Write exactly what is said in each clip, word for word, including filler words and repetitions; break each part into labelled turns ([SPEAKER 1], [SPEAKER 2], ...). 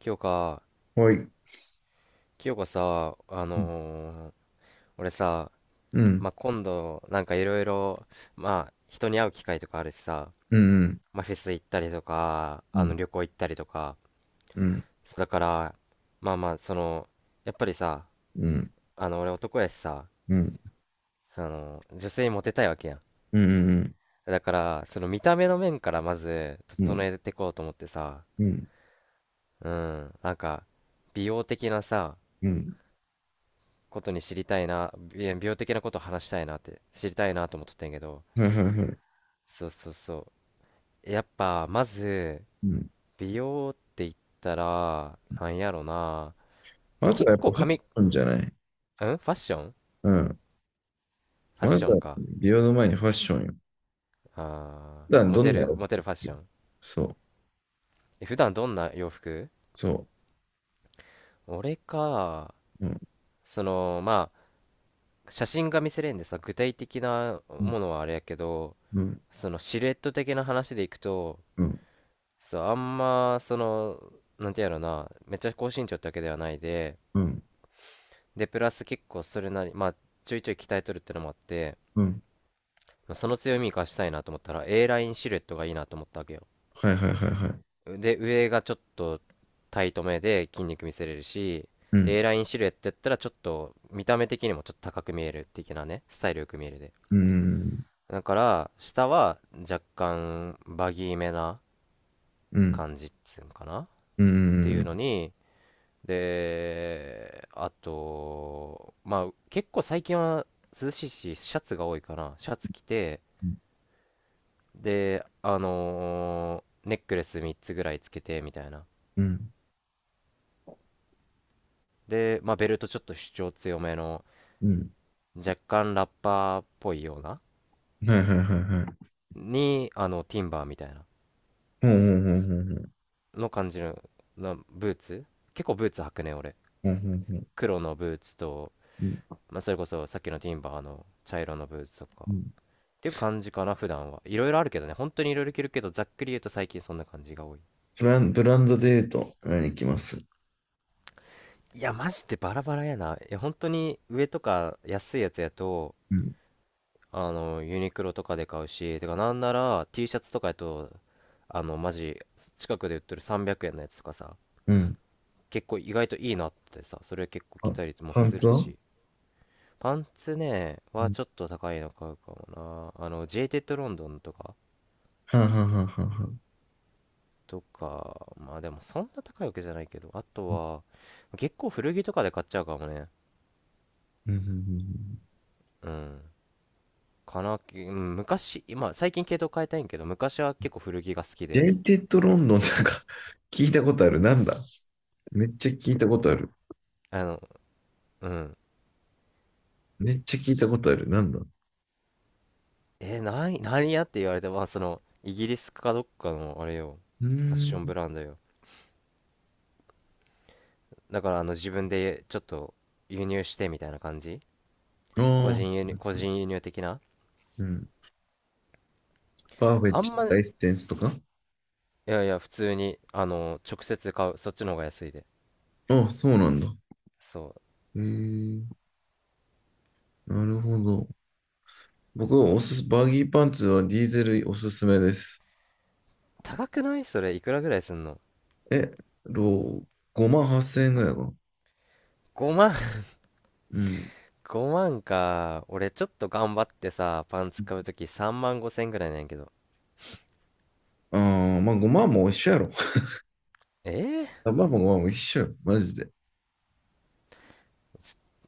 [SPEAKER 1] 清香、
[SPEAKER 2] はい。
[SPEAKER 1] 清香さ、あ
[SPEAKER 2] うん、
[SPEAKER 1] のー俺さ、
[SPEAKER 2] うん、
[SPEAKER 1] まあ、今度、なんかいろいろ、まあ、人に会う機会とかあるしさ、
[SPEAKER 2] うん、
[SPEAKER 1] まあ、フェス行ったりとか、
[SPEAKER 2] う
[SPEAKER 1] あの、
[SPEAKER 2] ん、
[SPEAKER 1] 旅行行ったりとか、
[SPEAKER 2] うん、
[SPEAKER 1] そうだから、まあまあ、その、やっぱりさ、
[SPEAKER 2] うん、
[SPEAKER 1] あの、俺男やしさ、
[SPEAKER 2] うん、うん、
[SPEAKER 1] あの、女性にモテたいわけやん。
[SPEAKER 2] うん、
[SPEAKER 1] だから、その見た目の面からまず、
[SPEAKER 2] う
[SPEAKER 1] 整
[SPEAKER 2] ん、
[SPEAKER 1] えていこうと思ってさ、
[SPEAKER 2] うん、
[SPEAKER 1] うん、なんか、美容的なさ、
[SPEAKER 2] うん、
[SPEAKER 1] ことに知りたいな、美美容的なこと話したいなって、知りたいなと思っとってんけど、
[SPEAKER 2] はいはいはい。
[SPEAKER 1] そうそうそう、やっぱまず
[SPEAKER 2] うん。
[SPEAKER 1] 美容って言ったらなんやろな、まあ、
[SPEAKER 2] まず
[SPEAKER 1] 結
[SPEAKER 2] はやっぱ
[SPEAKER 1] 構
[SPEAKER 2] ファッ
[SPEAKER 1] 髪ん
[SPEAKER 2] シ
[SPEAKER 1] フ
[SPEAKER 2] ョンじゃない？
[SPEAKER 1] ァッション
[SPEAKER 2] うん。
[SPEAKER 1] ファッ
[SPEAKER 2] ま
[SPEAKER 1] シ
[SPEAKER 2] ず
[SPEAKER 1] ョン
[SPEAKER 2] は
[SPEAKER 1] か、
[SPEAKER 2] 美容の前にファッションよ。
[SPEAKER 1] あ
[SPEAKER 2] 普段
[SPEAKER 1] ー、モ
[SPEAKER 2] ど
[SPEAKER 1] テ
[SPEAKER 2] んな
[SPEAKER 1] る
[SPEAKER 2] 洋服
[SPEAKER 1] モテるファッ
[SPEAKER 2] 着
[SPEAKER 1] ショ
[SPEAKER 2] る？
[SPEAKER 1] ン。
[SPEAKER 2] そう、
[SPEAKER 1] え普段どんな洋服？
[SPEAKER 2] そ
[SPEAKER 1] 俺か？
[SPEAKER 2] う。うん、
[SPEAKER 1] そのまあ、写真が見せれんでさ、具体的な
[SPEAKER 2] うん、
[SPEAKER 1] ものはあれやけど、
[SPEAKER 2] うん、
[SPEAKER 1] そのシルエット的な話でいくと、そうあんまその、なんてやろな、めっちゃ高身長ってわけではないで
[SPEAKER 2] うん、
[SPEAKER 1] でプラス結構それなり、まあちょいちょい鍛えとるってのもあって、
[SPEAKER 2] うん。
[SPEAKER 1] まあその強み生かしたいなと思ったら A ラインシルエットがいいなと思ったわけよ。
[SPEAKER 2] はいはいはいはい。
[SPEAKER 1] で上がちょっとタイトめで筋肉見せれるし、
[SPEAKER 2] うん、
[SPEAKER 1] A ラインシルエットやったらちょっと見た目的にもちょっと高く見える的なね、スタイルよく見えるで。
[SPEAKER 2] うん、
[SPEAKER 1] だから下は若干バギーめな
[SPEAKER 2] うん、
[SPEAKER 1] 感じっつうんかなっ
[SPEAKER 2] う
[SPEAKER 1] ていうの
[SPEAKER 2] ん、
[SPEAKER 1] に、で、あと、まあ、結構最近は涼しいし、シャツが多いから、シャツ着て、で、あのーネックレスみっつぐらいつけて、みたいな。
[SPEAKER 2] うん、
[SPEAKER 1] で、まあ、ベルトちょっと主張強めの、
[SPEAKER 2] うん。
[SPEAKER 1] 若干ラッパーっぽいような、
[SPEAKER 2] はいはいはいはい。
[SPEAKER 1] に、あの、ティンバーみたいな、
[SPEAKER 2] うんうん、
[SPEAKER 1] の感じの、なブーツ、結構ブーツ履くね、俺。
[SPEAKER 2] ほんほんほんんんん。
[SPEAKER 1] 黒のブーツと、
[SPEAKER 2] うん、
[SPEAKER 1] まあ、それこそさっきのティンバーの茶色のブーツとか、
[SPEAKER 2] う
[SPEAKER 1] っ
[SPEAKER 2] ん。
[SPEAKER 1] ていう感じかな、普段は。いろいろあるけどね、本当にいろいろ着るけど、ざっくり言うと最近そんな感じが多い。
[SPEAKER 2] ブラン、ドで言うと、何行きます？
[SPEAKER 1] いや、マジでバラバラやな。いや、本当に上とか安いやつやと、
[SPEAKER 2] うん。
[SPEAKER 1] あの、ユニクロとかで買うし、てか、なんなら ティー シャツとかやと、あの、マジ、近くで売ってるさんびゃくえんのやつとかさ、
[SPEAKER 2] うん。
[SPEAKER 1] 結構意外といいなってさ、それ結構着
[SPEAKER 2] あ、
[SPEAKER 1] たりも
[SPEAKER 2] パン
[SPEAKER 1] す
[SPEAKER 2] ツ
[SPEAKER 1] る
[SPEAKER 2] は？
[SPEAKER 1] し、パンツね、はちょっと高いの買うかもな。あの、ジェイテッドロンドンとか、
[SPEAKER 2] はあ、はあはあはあはあ。
[SPEAKER 1] とか、まあでもそんな高いわけじゃないけど、あとは、結構古着とかで買っちゃうかもね。
[SPEAKER 2] うんうんうんうん。
[SPEAKER 1] うん。かな、うん、昔、今、最近系統変えたいんけど、昔は結構古着が好き
[SPEAKER 2] ジ
[SPEAKER 1] で、
[SPEAKER 2] ェイテッドロンドンなんか 聞いたことある。なんだ、めっちゃ聞いたことある。
[SPEAKER 1] あの、うん。
[SPEAKER 2] めっちゃ聞いたことある。なんだ、う
[SPEAKER 1] え、なに、何やって言われて、まあその、イギリスかどっかの、あれよ、
[SPEAKER 2] ー
[SPEAKER 1] ファッションブ
[SPEAKER 2] ん。
[SPEAKER 1] ランドよ。だから、あの、自分でちょっと輸入してみたいな感じ、個
[SPEAKER 2] あ
[SPEAKER 1] 人輸
[SPEAKER 2] あ、
[SPEAKER 1] 入、個人輸入的な、
[SPEAKER 2] うん。パーフェク
[SPEAKER 1] あ
[SPEAKER 2] ト
[SPEAKER 1] んま、い
[SPEAKER 2] ライステンスとか？
[SPEAKER 1] やいや、普通に、あの、直接買う、そっちの方が安いで。
[SPEAKER 2] あ、そうなんだ。
[SPEAKER 1] そう。
[SPEAKER 2] へえ、なるほど。僕はおすす、バギーパンツはディーゼルおすすめです。
[SPEAKER 1] 高くない？それいくらぐらいすんの？
[SPEAKER 2] え、ろごまんはっせん円ぐらいかな。
[SPEAKER 1] ごまん？
[SPEAKER 2] うん。
[SPEAKER 1] ごまん か。俺ちょっと頑張ってさ、パンツ買うときさんまんごせんぐらいなんやけど。
[SPEAKER 2] ああ、まあごまんも一緒やろ。
[SPEAKER 1] えー、
[SPEAKER 2] あ、まあまあまあまあ、一緒よ。マジで。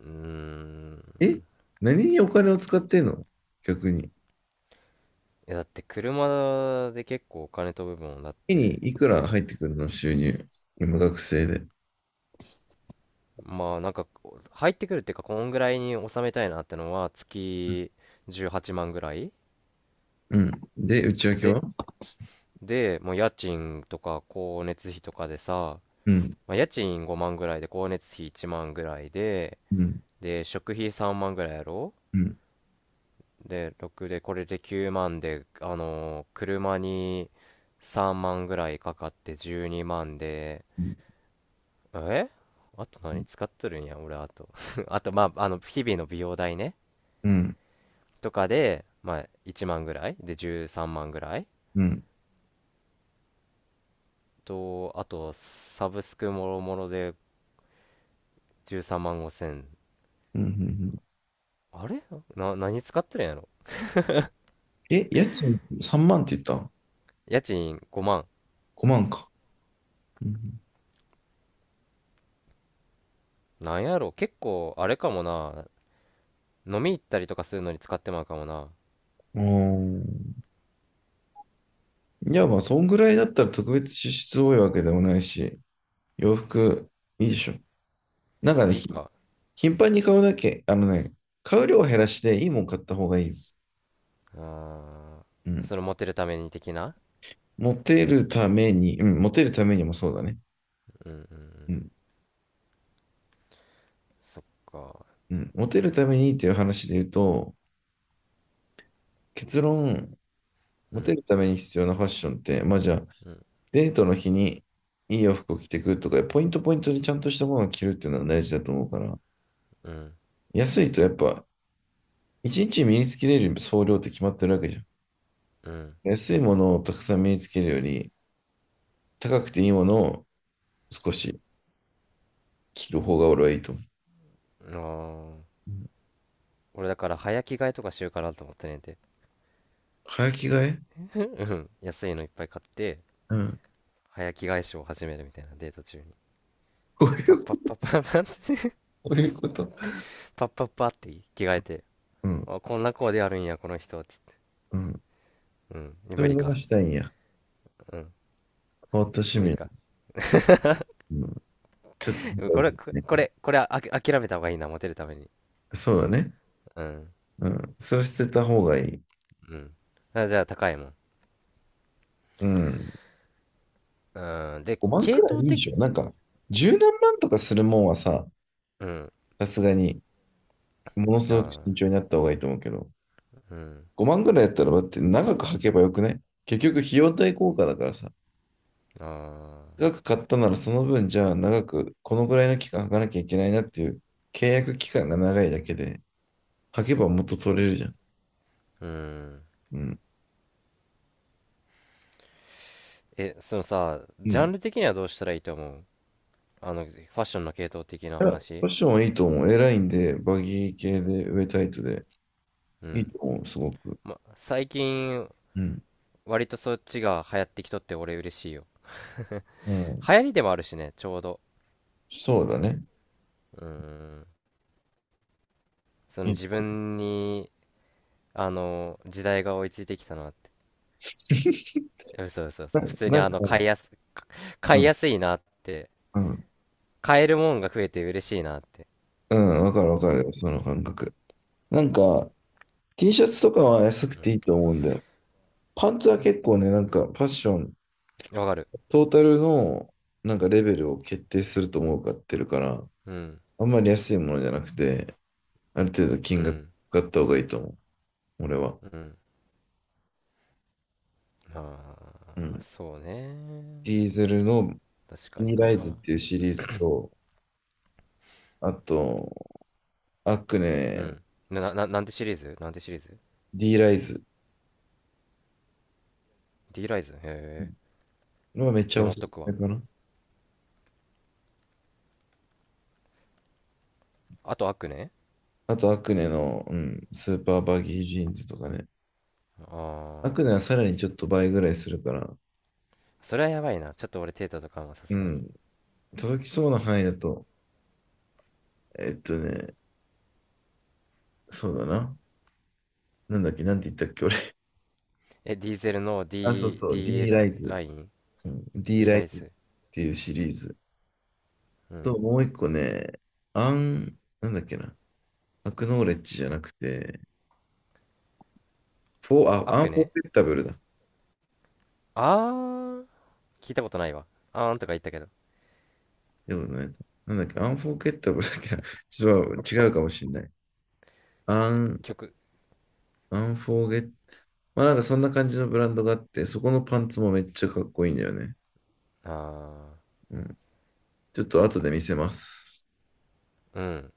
[SPEAKER 1] うーん。
[SPEAKER 2] え、何にお金を使ってんの？逆に。
[SPEAKER 1] いや、だって車で結構お金飛ぶもん。だっ
[SPEAKER 2] 月に
[SPEAKER 1] て
[SPEAKER 2] いく
[SPEAKER 1] ほ
[SPEAKER 2] ら入ってくるの、収入？今学生で。
[SPEAKER 1] まあなんか入ってくるっていうか、こんぐらいに収めたいなってのは月じゅうはちまんぐらい
[SPEAKER 2] うん。で、内訳
[SPEAKER 1] で
[SPEAKER 2] は？
[SPEAKER 1] でもう家賃とか光熱費とかでさ、
[SPEAKER 2] うん。
[SPEAKER 1] まあ、家賃ごまんぐらいで光熱費いちまんぐらいで、
[SPEAKER 2] うん。
[SPEAKER 1] で食費さんまんぐらいやろ。
[SPEAKER 2] うん。
[SPEAKER 1] で、ろくで、これできゅうまんで、あのー車にさんまんぐらいかかってじゅうにまんで、
[SPEAKER 2] うん。
[SPEAKER 1] え、あと何使っとるんや、俺、あと。あと、まあ、あの、日々の美容代ね、
[SPEAKER 2] うん。
[SPEAKER 1] とかで、まあ、いちまんぐらいで、じゅうさんまんぐらい
[SPEAKER 2] うん。うん。
[SPEAKER 1] と、あと、サブスクもろもろでじゅうさんまんごせん。
[SPEAKER 2] うんうん。
[SPEAKER 1] あれな、何使っとるんやろ。
[SPEAKER 2] え、家賃さんまんって言った？
[SPEAKER 1] 家賃ごまん。
[SPEAKER 2] ご 万か。うん。
[SPEAKER 1] なんやろ結構、あれかもな。飲み行ったりとかするのに使ってまうかもな。
[SPEAKER 2] うん、いや、まあ、そんぐらいだったら特別支出多いわけでもないし、洋服いいでしょ。なんかね、
[SPEAKER 1] いい
[SPEAKER 2] ひ
[SPEAKER 1] か。
[SPEAKER 2] 頻繁に買うだけ、あのね、買う量を減らしていいもん買った方がいい。
[SPEAKER 1] ああ、
[SPEAKER 2] うん。
[SPEAKER 1] そのモテるために的な。
[SPEAKER 2] モテるために、うん、モテるためにもそうだね。
[SPEAKER 1] うんうんう
[SPEAKER 2] う
[SPEAKER 1] ん。
[SPEAKER 2] ん、
[SPEAKER 1] そっか。
[SPEAKER 2] うん。モテるためにっていう話で言うと、結論、
[SPEAKER 1] う
[SPEAKER 2] モテ
[SPEAKER 1] ん、
[SPEAKER 2] るために必要なファッションって、まあじゃあ、
[SPEAKER 1] うん、
[SPEAKER 2] デートの日にいい洋服を着てくとか、ポイントポイントにちゃんとしたものを着るっていうのは大事だと思うから。
[SPEAKER 1] うん、
[SPEAKER 2] 安いとやっぱ、一日身につけれる総量って決まってるわけじゃん。
[SPEAKER 1] うん。
[SPEAKER 2] 安いものをたくさん身につけるより、高くていいものを少し着る方が俺はいいと思う。
[SPEAKER 1] あー、
[SPEAKER 2] うん。
[SPEAKER 1] 俺だから早着替えとかしようかなと思ってねんて。
[SPEAKER 2] 早着替え？
[SPEAKER 1] うんうん。安いのいっぱい買って、
[SPEAKER 2] うん。
[SPEAKER 1] 早着替えショーを始めるみたいな、デート中に。
[SPEAKER 2] こうい
[SPEAKER 1] パッ
[SPEAKER 2] う
[SPEAKER 1] パ
[SPEAKER 2] こ
[SPEAKER 1] ッ
[SPEAKER 2] と？
[SPEAKER 1] パッパッパッ
[SPEAKER 2] こういうこと。
[SPEAKER 1] パッパッパッって着替えて。
[SPEAKER 2] うん。
[SPEAKER 1] あ、こんなコーデあるんや、この人、つって。
[SPEAKER 2] うん。
[SPEAKER 1] うん。
[SPEAKER 2] そう
[SPEAKER 1] 無
[SPEAKER 2] いう
[SPEAKER 1] 理
[SPEAKER 2] のが
[SPEAKER 1] か。
[SPEAKER 2] したいんや。
[SPEAKER 1] うん。
[SPEAKER 2] 変わった趣
[SPEAKER 1] 無理か。
[SPEAKER 2] 味。うん、ちょっと見
[SPEAKER 1] うん。
[SPEAKER 2] た
[SPEAKER 1] こ
[SPEAKER 2] いで
[SPEAKER 1] れ、
[SPEAKER 2] す
[SPEAKER 1] こ
[SPEAKER 2] ね。
[SPEAKER 1] これ、これ、あき、諦めた方がいいな、モテるために。
[SPEAKER 2] そうだね。
[SPEAKER 1] うん。
[SPEAKER 2] うん。それ捨てた方がいい。
[SPEAKER 1] うん。あ、じゃあ高いもん。
[SPEAKER 2] うん。
[SPEAKER 1] うん。で、
[SPEAKER 2] ごまん
[SPEAKER 1] 系
[SPEAKER 2] くらい
[SPEAKER 1] 統
[SPEAKER 2] いいで
[SPEAKER 1] 的、
[SPEAKER 2] しょ。なんか、十何万とかするもんはさ、
[SPEAKER 1] うん。
[SPEAKER 2] さすがに、ものす
[SPEAKER 1] あ
[SPEAKER 2] ごく
[SPEAKER 1] あ、
[SPEAKER 2] 慎重になった方がいいと思うけど、
[SPEAKER 1] うん。
[SPEAKER 2] ごまんくらいやったら、だって長く履けばよくね？結局、費用対効果だからさ。
[SPEAKER 1] ああ、
[SPEAKER 2] 長く買ったならその分、じゃあ長く、このぐらいの期間履かなきゃいけないなっていう、契約期間が長いだけで、履けばもっと取れるじゃん。
[SPEAKER 1] うん。
[SPEAKER 2] うん。
[SPEAKER 1] え、そのさ、
[SPEAKER 2] う
[SPEAKER 1] ジャン
[SPEAKER 2] ん。
[SPEAKER 1] ル的にはどうしたらいいと思う？あの、ファッションの系統的な
[SPEAKER 2] いや、ファ
[SPEAKER 1] 話。
[SPEAKER 2] ッションはいいと思う。エラインで、バギー系で、上タイトで。
[SPEAKER 1] う
[SPEAKER 2] いい
[SPEAKER 1] ん。
[SPEAKER 2] と思う、すごく。
[SPEAKER 1] ま、最近、
[SPEAKER 2] うん。
[SPEAKER 1] 割とそっちが流行ってきとって俺嬉しいよ。
[SPEAKER 2] うん。
[SPEAKER 1] 流行りでもあるしね、ちょうど。
[SPEAKER 2] そうだね。
[SPEAKER 1] うん。その
[SPEAKER 2] いい
[SPEAKER 1] 自
[SPEAKER 2] と思
[SPEAKER 1] 分に、あの、時代が追いついてきたなって。
[SPEAKER 2] う。
[SPEAKER 1] え、嘘嘘
[SPEAKER 2] な、
[SPEAKER 1] 嘘。普通に
[SPEAKER 2] な
[SPEAKER 1] あ
[SPEAKER 2] んか、
[SPEAKER 1] の、買いやす、買
[SPEAKER 2] う
[SPEAKER 1] い
[SPEAKER 2] ん、
[SPEAKER 1] やすいなって。
[SPEAKER 2] うん。
[SPEAKER 1] 買えるもんが増えて嬉しいなって。
[SPEAKER 2] うん、わかるわ
[SPEAKER 1] う
[SPEAKER 2] かる
[SPEAKER 1] ん。
[SPEAKER 2] よ、その感覚。なんか、T シャツとかは安く
[SPEAKER 1] う
[SPEAKER 2] ていいと思うんだよ。パンツは結構ね、なんか、ファッション、
[SPEAKER 1] ん。わかる。
[SPEAKER 2] トータルの、なんか、レベルを決定すると思うかってるから、
[SPEAKER 1] うん。
[SPEAKER 2] あんまり安いものじゃなくて、ある程度
[SPEAKER 1] う
[SPEAKER 2] 金額
[SPEAKER 1] ん。
[SPEAKER 2] があった方がいいと思う、俺は。
[SPEAKER 1] うん。
[SPEAKER 2] う
[SPEAKER 1] ああ、
[SPEAKER 2] ん。
[SPEAKER 1] そうね。
[SPEAKER 2] ディーゼルの
[SPEAKER 1] 確かに
[SPEAKER 2] D ライズっ
[SPEAKER 1] な。
[SPEAKER 2] ていうシリーズと、あと、アク
[SPEAKER 1] う
[SPEAKER 2] ネ、
[SPEAKER 1] ん。な、な、ななんてシリーズ？なんてシリーズ？
[SPEAKER 2] D ライズ
[SPEAKER 1] D ライズ？へえ。
[SPEAKER 2] のがめっち
[SPEAKER 1] メ
[SPEAKER 2] ゃお
[SPEAKER 1] モ
[SPEAKER 2] す
[SPEAKER 1] っとく
[SPEAKER 2] すめ
[SPEAKER 1] わ。
[SPEAKER 2] かな。
[SPEAKER 1] あと悪ね、
[SPEAKER 2] あと、アクネの、うん、スーパーバギージーンズとかね。
[SPEAKER 1] あ
[SPEAKER 2] ア
[SPEAKER 1] あ
[SPEAKER 2] クネは
[SPEAKER 1] ー。
[SPEAKER 2] さらにちょっと倍ぐらいするから、
[SPEAKER 1] それはやばいな。ちょっと俺テータとかもさ
[SPEAKER 2] う
[SPEAKER 1] すがに。
[SPEAKER 2] ん、届きそうな範囲だと、えっとね、そうだな。なんだっけ、なんて言ったっけ、俺。
[SPEAKER 1] え、ディーゼルの
[SPEAKER 2] あ、そう
[SPEAKER 1] D、
[SPEAKER 2] そう、
[SPEAKER 1] D、
[SPEAKER 2] D ラ
[SPEAKER 1] ラ
[SPEAKER 2] イ
[SPEAKER 1] イ、
[SPEAKER 2] ズ。
[SPEAKER 1] ライン？
[SPEAKER 2] うん、D
[SPEAKER 1] D
[SPEAKER 2] ライ
[SPEAKER 1] ライ
[SPEAKER 2] ズっ
[SPEAKER 1] ズ？
[SPEAKER 2] ていうシリーズ。
[SPEAKER 1] うん。
[SPEAKER 2] と、もう一個ね、アン、なんだっけな。アクノーレッジじゃなくて、フォー、あ、アン
[SPEAKER 1] 悪
[SPEAKER 2] フォー
[SPEAKER 1] ね、
[SPEAKER 2] フッタブルだ。
[SPEAKER 1] ああー。聞いたことないわ。あーんとか言ったけど。
[SPEAKER 2] でもなんか、なんだっけ、アンフォーゲッタブルだっけな、ちょっと違うかもしれない。アン、
[SPEAKER 1] 曲。
[SPEAKER 2] アンフォーゲッ、まあなんかそんな感じのブランドがあって、そこのパンツもめっちゃかっこいいんだよね。
[SPEAKER 1] ああ。
[SPEAKER 2] うん。ちょっと後で見せます。
[SPEAKER 1] うん。